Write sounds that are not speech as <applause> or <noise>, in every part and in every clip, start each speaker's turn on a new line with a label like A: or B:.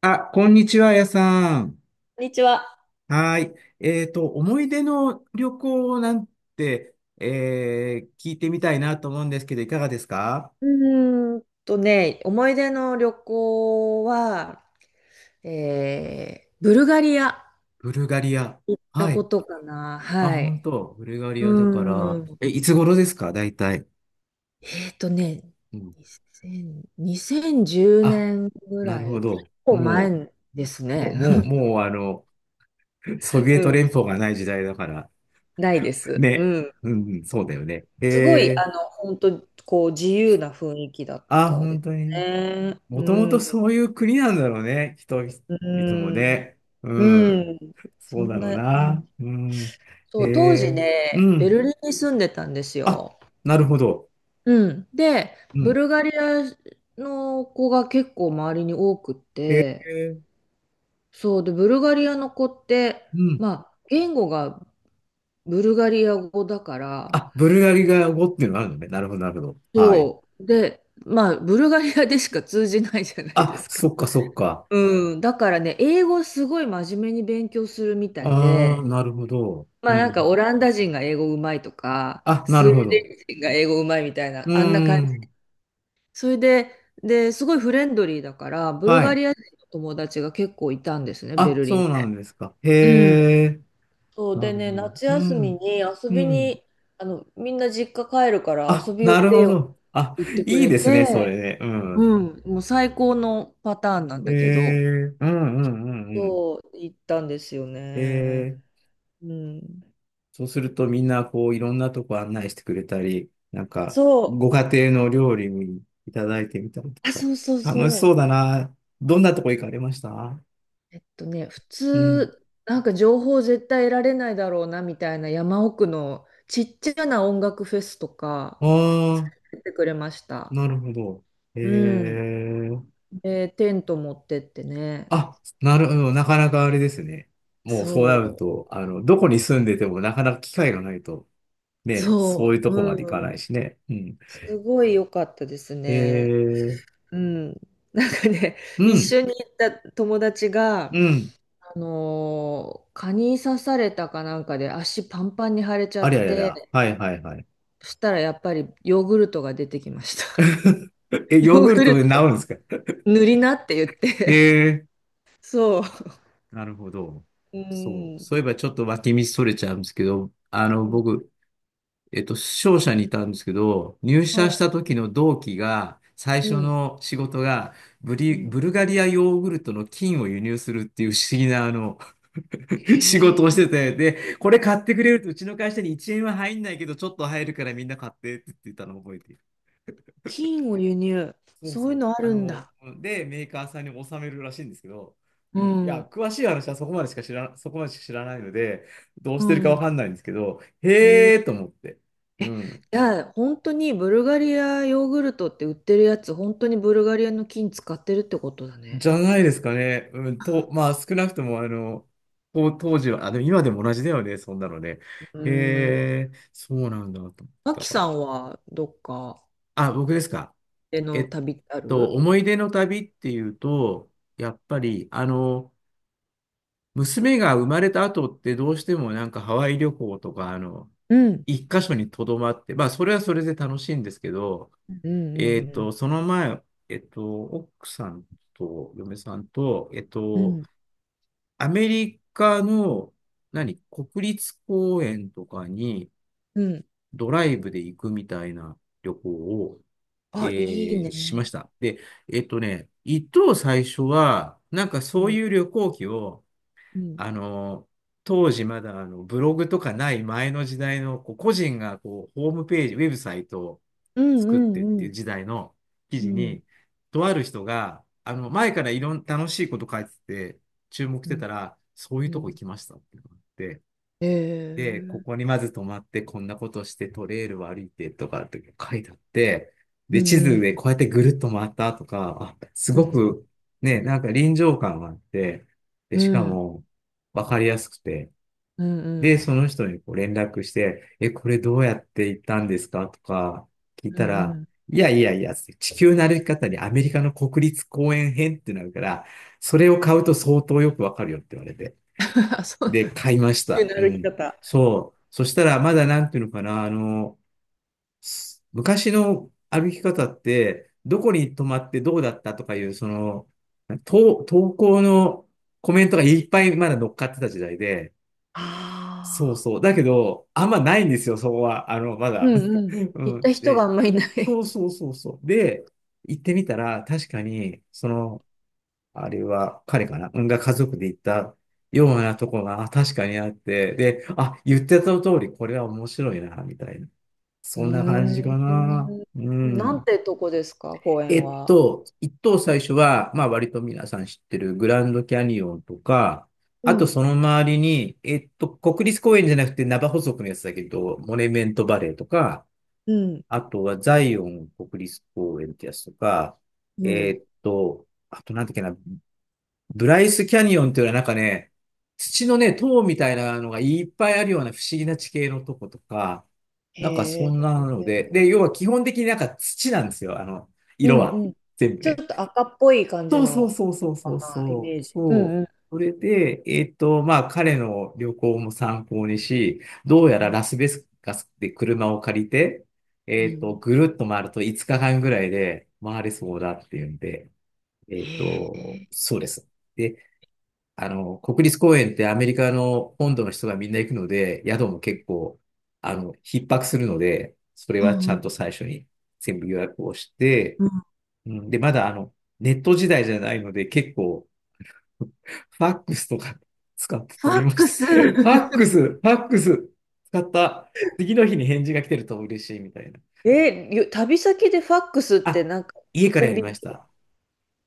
A: あ、こんにちは、やさん。
B: こんにちは。
A: はい。思い出の旅行なんて、聞いてみたいなと思うんですけど、いかがですか？
B: うーんとね、思い出の旅行は、ブルガリア行っ
A: ブルガリア。
B: た
A: は
B: こ
A: い。
B: とかな。
A: あ、
B: は
A: 本
B: い。
A: 当。ブルガリ
B: う
A: アだから、
B: ーん。
A: いつ頃ですか、大体？
B: えっとね、
A: うん。
B: 2000、2 1 0
A: あ、
B: 年ぐ
A: なる
B: ら
A: ほ
B: い、結
A: ど。
B: 構
A: も
B: 前です
A: う、
B: ね。
A: もう、もう、もう、ソビ
B: <laughs>
A: エ
B: う
A: ト
B: ん。
A: 連邦がない時代だから。
B: ないです。う
A: ね。
B: ん。
A: うん、そうだよね。
B: すごい、本当こう、自由な雰囲気だっ
A: あ、
B: たで
A: 本当
B: す
A: に。
B: ね。う
A: もともと
B: ん。
A: そういう国なんだろうね。人
B: う
A: 々も
B: ん。
A: ね。うん。
B: うん。そ
A: そうだ
B: ん
A: ろう
B: な感
A: な。
B: じ。
A: うん。
B: そ
A: へ
B: う、当時
A: え。う
B: ね、ベ
A: ん。
B: ルリンに住んでたんです
A: あ、
B: よ。
A: なるほど。
B: うん。で、
A: う
B: ブ
A: ん。
B: ルガリアの子が結構周りに多くっ
A: へ
B: て、
A: え。
B: そうで、ブルガリアの子って、
A: うん。
B: まあ、言語がブルガリア語だから、
A: あ、ブルガリが語っていうのがあるのね。なるほど、なるほど。はい。
B: そう。で、まあ、ブルガリアでしか通じないじゃないで
A: あ、
B: すか。
A: そっか、そっか。
B: うん。だからね、英語すごい真面目に勉強するみたい
A: あ
B: で、
A: あ、なるほど。
B: ま
A: う
B: あなんか
A: ん。
B: オランダ人が英語うまいとか、
A: あ、な
B: スウ
A: る
B: ェ
A: ほ
B: ーデ
A: ど。
B: ン人が英語うまいみたいな、
A: う
B: あんな感
A: ん。
B: それで、で、すごいフレンドリーだから、ブル
A: は
B: ガ
A: い。
B: リア人の友達が結構いたんですね、ベ
A: あ、
B: ルリン
A: そう
B: で。
A: なんですか。へ
B: うん。
A: え。
B: そう
A: な
B: で
A: る
B: ね、
A: ほど。
B: 夏
A: う
B: 休み
A: ん。
B: に遊
A: う
B: び
A: ん。
B: に、みんな実家帰るから遊
A: あ、
B: びおい
A: なる
B: で
A: ほ
B: よって
A: ど。あ、
B: 言ってく
A: いい
B: れ
A: ですね、それ
B: て、
A: ね。うん。
B: うん、もう最高のパターンなんだけど、
A: うんうんうんうん。
B: そう、行ったんですよ
A: え
B: ね。
A: ー、
B: うん。
A: そうするとみんなこういろんなとこ案内してくれたり、なんか
B: そ
A: ご家庭の料理にいただいてみたり
B: う。あ、
A: とか。
B: そうそう
A: 楽し
B: そう。
A: そうだな。どんなとこ行かれました？
B: 普
A: うん。
B: 通、なんか情報絶対得られないだろうなみたいな山奥のちっちゃな音楽フェスと
A: あ
B: か
A: あ、
B: 出てくれました。
A: なるほど。え
B: うん。
A: ー、
B: で、テント持ってってね。
A: あ、なるほど。なかなかあれですね。もうそうな
B: そ
A: る
B: う。
A: と、どこに住んでてもなかなか機会がないと。ね、そういう
B: そ
A: とこまでいか
B: う。
A: な
B: う
A: い
B: ん。
A: しね。うん。
B: すごい良かったです
A: え
B: ね。
A: ー、
B: うん。なんかね、
A: う
B: 一
A: ん、
B: 緒に行った友達が、
A: うん。
B: 蚊に刺されたかなんかで足パンパンに腫れちゃ
A: ありゃ
B: っ
A: りゃり
B: て、
A: ゃ。はいはいはい。
B: そしたらやっぱりヨーグルトが出てきました。
A: え、
B: ヨ
A: ヨーグ
B: ー
A: ル
B: グ
A: ト
B: ル
A: で治
B: ト
A: るんですか？
B: 塗りなって言って。
A: え
B: そう。
A: なるほど。
B: う
A: そう。
B: ん。
A: そういえばちょっと脇道それちゃうんですけど、
B: うん
A: 僕、商社にいたんですけど、入社
B: は
A: し
B: い。
A: た時の同期が、最
B: う
A: 初
B: ん。
A: の仕事が
B: うん。
A: ブルガリアヨーグルトの菌を輸入するっていう不思議な、<laughs> 仕
B: へ
A: 事をして
B: え。
A: て、で、これ買ってくれるとうちの会社に1円は入んないけど、ちょっと入るからみんな買ってって言ってたのを覚えている。
B: 金を輸入。
A: そう
B: そう
A: そ
B: いう
A: う。
B: のあるんだ。
A: で、メーカーさんに納めるらしいんですけど、
B: う
A: うん、いや、
B: ん。
A: 詳しい話はそこまでしか知らないので、どう
B: う
A: してるかわ
B: ん。
A: かんないんですけど、
B: へえ。
A: へー
B: い
A: と思って。うん。
B: や、本当にブルガリアヨーグルトって売ってるやつ、本当にブルガリアの金使ってるってことだね。
A: じゃないですかね。うん、と、まあ、少なくとも、当時は、あ、でも今でも同じだよね、そんなのね。
B: うん。
A: へーそうなんだと思って。
B: マ
A: だ
B: キ
A: か
B: さ
A: ら。
B: んはどっか
A: あ、僕ですか。
B: で
A: え
B: の
A: っ
B: 旅ってある？
A: 思い出の旅っていうと、やっぱり、娘が生まれた後ってどうしてもなんかハワイ旅行とか、
B: うん。
A: 一箇所にとどまって、まあ、それはそれで楽しいんですけど、
B: うんうん
A: その前、奥さんと嫁さんと、
B: うんうん。
A: アメリカの、何、国立公園とかに
B: うん。うん
A: ドライブで行くみたいな旅行を、
B: あ、いい
A: しまし
B: ね。
A: た。で、一等最初は、なんかそう
B: うん。
A: いう旅行記を、
B: うん。
A: あの、当時まだブログとかない前の時代のこう個人がこうホームページ、ウェブサイトを
B: うんう
A: 作ってっ
B: ん
A: て
B: う
A: いう
B: ん。
A: 時代の記
B: う
A: 事
B: ん
A: に、とある人が、前からいろんな楽しいこと書いてて、注目し
B: う
A: て
B: ん、
A: たら、そういう
B: う
A: とこ行
B: ん。
A: きましたっていうのがあって、で、こ
B: え
A: こ
B: え
A: にまず泊まって、こんなことして、トレイルを歩いてとかって書いてあって、
B: う
A: で、
B: ん
A: 地
B: う
A: 図で
B: ん
A: こうやってぐるっと回ったとか、あ、す
B: う
A: ご
B: ん
A: く、ね、なんか臨場感があって、で、しかも、わかりやすくて、
B: うんうんう
A: で、
B: ん
A: その人にこう連絡して、え、これどうやって行ったんですかとか聞い
B: う
A: た
B: んう
A: ら、
B: ん
A: いやいやいや、地球の歩き方にアメリカの国立公園編ってなるから、それを買うと相当よくわかるよって言われて。
B: <laughs> あ、そう
A: で、
B: だ
A: 買いま
B: 地
A: し
B: 球
A: た。
B: の
A: う
B: 歩き
A: ん。
B: 方。
A: そう。そしたら、まだなんていうのかな、昔の歩き方って、どこに泊まってどうだったとかいう、投稿のコメントがいっぱいまだ乗っかってた時代で、そう
B: ああ、
A: そう。だけど、あんまないんですよ、そこは。ま
B: う
A: だ。
B: んうん。
A: <laughs> う
B: 行っ
A: ん。
B: た人があ
A: で、
B: んまりいな
A: そ
B: い。
A: うそうそうそう。で、行ってみたら、確かに、あれは彼かなが家族で行ったようなとこが確かにあって、で、あ、言ってた通り、これは面白いな、みたいな。
B: <laughs> うー
A: そんな感じかな。
B: ん。
A: う
B: なん
A: ん。
B: てとこですか、公園は？
A: 一等最初は、まあ割と皆さん知ってるグランドキャニオンとか、
B: う
A: あと
B: ん
A: その周りに、国立公園じゃなくてナバホ族のやつだけど、モネメントバレーとか、
B: うん
A: あとはザイオン国立公園ってやつとか、
B: うん。
A: あとなんだっけな、ブライスキャニオンっていうのはなんかね、土のね、塔みたいなのがいっぱいあるような不思議な地形のとことか、なんか
B: へ
A: そん
B: え。
A: なので、で、要は基本的になんか土なんですよ、
B: う
A: 色
B: ん
A: は。
B: うん。
A: 全部
B: ちょっ
A: ね。
B: と赤っぽい感じ
A: そうそう
B: の
A: そうそう
B: か
A: そう
B: な、イ
A: そう。
B: メージ。うん
A: そ
B: う
A: う、
B: ん。
A: それで、まあ彼の旅行も参考にし、どうや
B: う
A: ら
B: ん。
A: ラスベガスで車を借りて、
B: うん
A: ぐるっと回ると5日間ぐらいで回れそうだっていうんで、
B: へえ。
A: そうです。で、国立公園ってアメリカの本土の人がみんな行くので、宿も結構、逼迫するので、それ
B: う
A: はちゃ
B: んう
A: んと
B: ん。
A: 最初に全部予約をして、
B: うん
A: うんで、まだネット時代じゃないので、結構、ファックスとか <laughs> 使って
B: ファ
A: 取
B: ッ
A: りまし
B: ク
A: た。<laughs>
B: ス。
A: ファックス、ファックス使った。次の日に返事が来てると嬉しいみたいな。
B: え、旅先でファックスって
A: あ、
B: なんか
A: 家か
B: コ
A: らや
B: ン
A: り
B: ビ
A: ま
B: ニ、
A: した。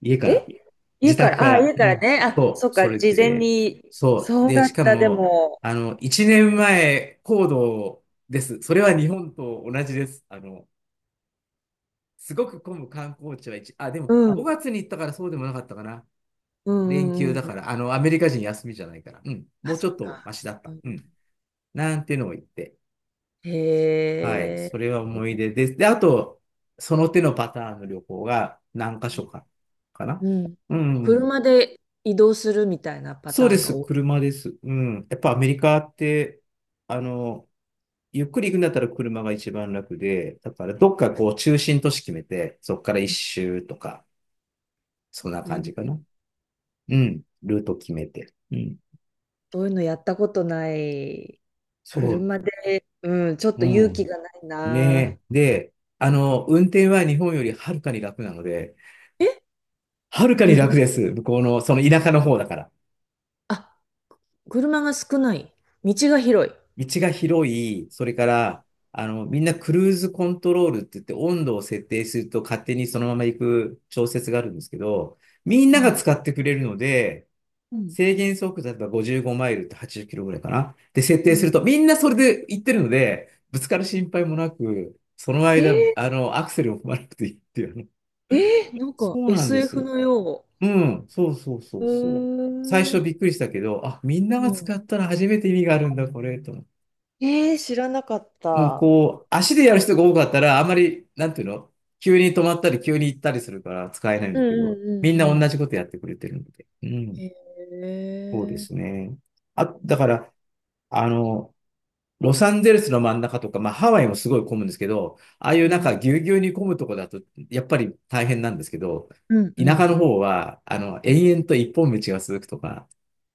A: 家から、
B: え家
A: 自
B: か
A: 宅か
B: ら、あ、
A: ら、
B: 家か
A: う
B: ら
A: ん、
B: ね。あ、そ
A: そ
B: っ
A: う、そ
B: か、
A: れ
B: 事前
A: で、
B: に。
A: そう。
B: そう
A: で、
B: だ
A: し
B: っ
A: か
B: た、で
A: も、
B: も。
A: 1年前行動です。それは日本と同じです。すごく混む観光地はあ、でも
B: うん。
A: 5月に行ったからそうでもなかったかな。
B: う
A: 連
B: んう
A: 休
B: ん
A: だ
B: う
A: か
B: ん。
A: ら、アメリカ人休みじゃないから、うん、
B: あ、
A: もう
B: そ
A: ち
B: っ
A: ょっと
B: か。
A: マシだっ
B: う
A: た。
B: ん、
A: うん、なんていうのを言って、
B: へ
A: はい、それは
B: え。
A: 思い出です。で、あと、その手のパターンの旅行が何箇所か、かな。
B: うん。
A: うん。
B: 車で移動するみたいなパ
A: そう
B: ター
A: で
B: ンが
A: す、
B: 多
A: 車です。うん。やっぱアメリカって、あの、ゆっくり行くんだったら車が一番楽で、だからどっかこう中心都市決めて、そっから一周とか、そんな
B: い。いい
A: 感じか
B: な。
A: な。うん。ルート決めて。うん。
B: そういうのやったことない。
A: そう。
B: 車で、うん、ちょっ
A: う
B: と勇気
A: ん。
B: がないな。
A: ねえ。で、運転は日本よりはるかに楽なので、
B: え、
A: はるかに
B: 意
A: 楽
B: 外。
A: です。向こうの、その田舎の方だから。
B: あ、車が少ない。道が広い。
A: 道が広い、それから、みんなクルーズコントロールって言って温度を設定すると勝手にそのまま行く調節があるんですけど、みん
B: う
A: なが
B: ん。
A: 使ってくれるので、
B: う
A: 制限速度例えば55マイルって80キロぐらいかな。で、設定する
B: ん。
A: とみんなそれで行ってるので、ぶつかる心配もなく、その
B: え
A: 間、アクセルを踏まなくていいっていうね。
B: なんか
A: そうなんです。
B: SF のよ
A: うん、そうそうそ
B: う
A: う
B: う
A: そう。最
B: ーん。
A: 初
B: う。
A: びっくりしたけど、あ、みんなが
B: うん。
A: 使ったら初めて意味があるんだ、これ、と思って。
B: えー、知らなかっ
A: うん、
B: た。
A: こう、足でやる人が多かったら、あまり、なんていうの、急に止まったり、急に行ったりするから使えないん
B: うん
A: だけ
B: う
A: ど、
B: んう
A: みんな
B: んう
A: 同
B: ん。
A: じことやってくれてるので。うん、
B: へ
A: そうです
B: え。
A: ね。あ、だから、あの、ロサンゼルスの真ん中とか、まあ、ハワイもすごい混むんですけど、ああいう
B: う
A: なん
B: ん
A: かぎゅうぎゅうに混むとこだと、やっぱり大変なんですけど、
B: うんう
A: 田
B: ん
A: 舎の
B: うん
A: 方は、
B: う
A: 延々と一本道が続くとか、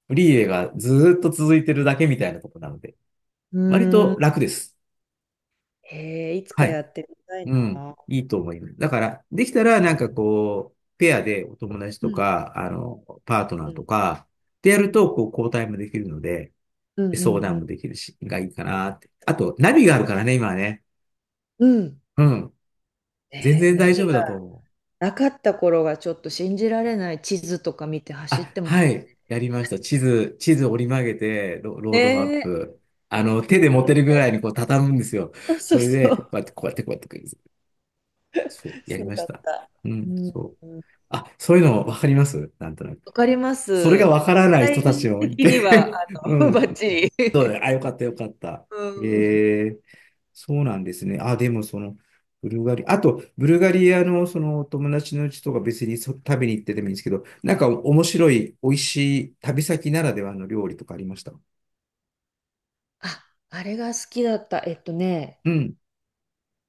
A: フリーウェイがずーっと続いてるだけみたいなとこなので、
B: ん。
A: 割
B: うー
A: と
B: ん。
A: 楽です。
B: えー、いつ
A: は
B: かや
A: い。
B: ってみたい
A: うん。
B: な。
A: いいと思います。だから、できたら、なんかこう、ペアでお友達
B: う
A: と
B: ん
A: か、パートナ
B: う
A: ーと
B: ん
A: か、でや
B: う
A: る
B: ん
A: と、こう、交代もできるので、
B: うんう
A: 相
B: ん
A: 談
B: うん
A: もできるし、がいいかなって。あと、ナビがあるからね、今はね。
B: うん
A: うん。全
B: ねえ、
A: 然
B: ナ
A: 大丈
B: ビ
A: 夫
B: が
A: だと思う。
B: なかった頃がちょっと信じられない。地図とか見て走っ
A: あ、
B: てまし
A: は
B: た。
A: い。やりました。地図折り曲げて、ロードマッ
B: ねえ。
A: プ。手
B: 今
A: で持て
B: ど
A: るぐ
B: こ
A: らいにこう、畳むんですよ。
B: <laughs> そうそ
A: そ
B: う
A: れ
B: そ
A: で、こ
B: う。
A: うやって、こうやって、こうやって、そう、や
B: そ
A: り
B: う
A: ま
B: だ
A: し
B: っ
A: た。
B: た。
A: う
B: う
A: ん、
B: ん
A: そう。あ、そういうの分かりますなんとなく。
B: わかります。
A: それが
B: 世
A: わからない人た
B: 代
A: ちもい
B: 的には、
A: て <laughs> う
B: <laughs> バ
A: ん。
B: ッチ
A: そうだよ。
B: リ。
A: あ、よかった、よかった。え
B: うん。
A: え、そうなんですね。あ、でもブルガリ、あと、ブルガリアのそのお友達のうちとか別に食べに行ってでもいいんですけど、なんか面白い、美味しい旅先ならではの料理とかありました？
B: あ、あれが好きだった。
A: うん。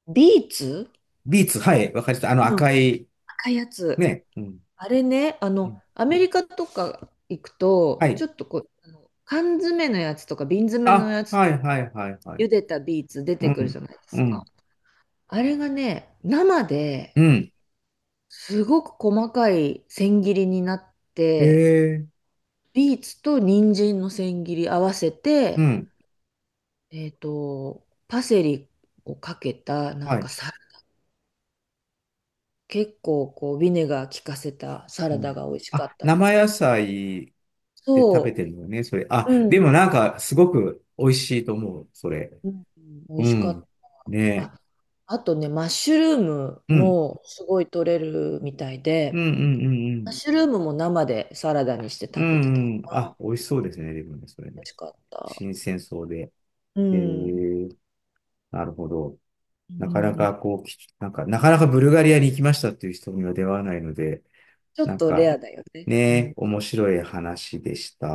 B: ビーツ
A: ビーツ、はい、わかりました。あの
B: うん。
A: 赤い、
B: 赤いやつ。
A: ね。うん。
B: あれね、
A: うん、
B: アメリカとか行く
A: は
B: と、ち
A: い。
B: ょっとこう、あの缶詰のやつとか瓶詰めの
A: あ、
B: やつ、
A: はい、はい、はい、はい。
B: 茹でたビーツ出
A: う
B: てくるじ
A: ん。
B: ゃないで
A: う
B: すか。
A: ん。
B: あれがね、生で
A: うん。
B: すごく細かい千切りになっ
A: へ
B: て、
A: え。
B: ビーツと人参の千切り合わせ
A: う
B: て、
A: ん。
B: パセリをかけた、なん
A: は
B: か
A: い。
B: さ、結構こう、ビネガー効かせたサ
A: う
B: ラ
A: ん。
B: ダが美味しか
A: あ、
B: ったで
A: 生
B: す
A: 野
B: ね。
A: 菜で食べて
B: そ
A: るのね、それ。あ、
B: うう
A: でも
B: ん
A: なんか、すごく美味しいと思う、それ。
B: う、ん、美味
A: う
B: しかっ
A: ん。
B: た。
A: ねえ、
B: あ、あとね、マッシュルーム
A: うん。
B: もすごい取れるみたい
A: うん
B: で、
A: うんうんう
B: マ
A: ん。
B: ッシュルームも生でサラダにして
A: う
B: 食べてたか
A: んうん。あ、
B: な。
A: 美味しそうですね、でもね、それ
B: 美
A: ね。
B: 味しかった。
A: 新鮮そうで。
B: う
A: え
B: ん。うん
A: ー、なるほど。
B: う
A: なかな
B: ん
A: かこう、なんか、なかなかブルガリアに行きましたっていう人には出会わないので、
B: ちょ
A: な
B: っ
A: ん
B: とレ
A: か、
B: アだよね。
A: ね
B: う
A: え、
B: ん。
A: 面白い話でした。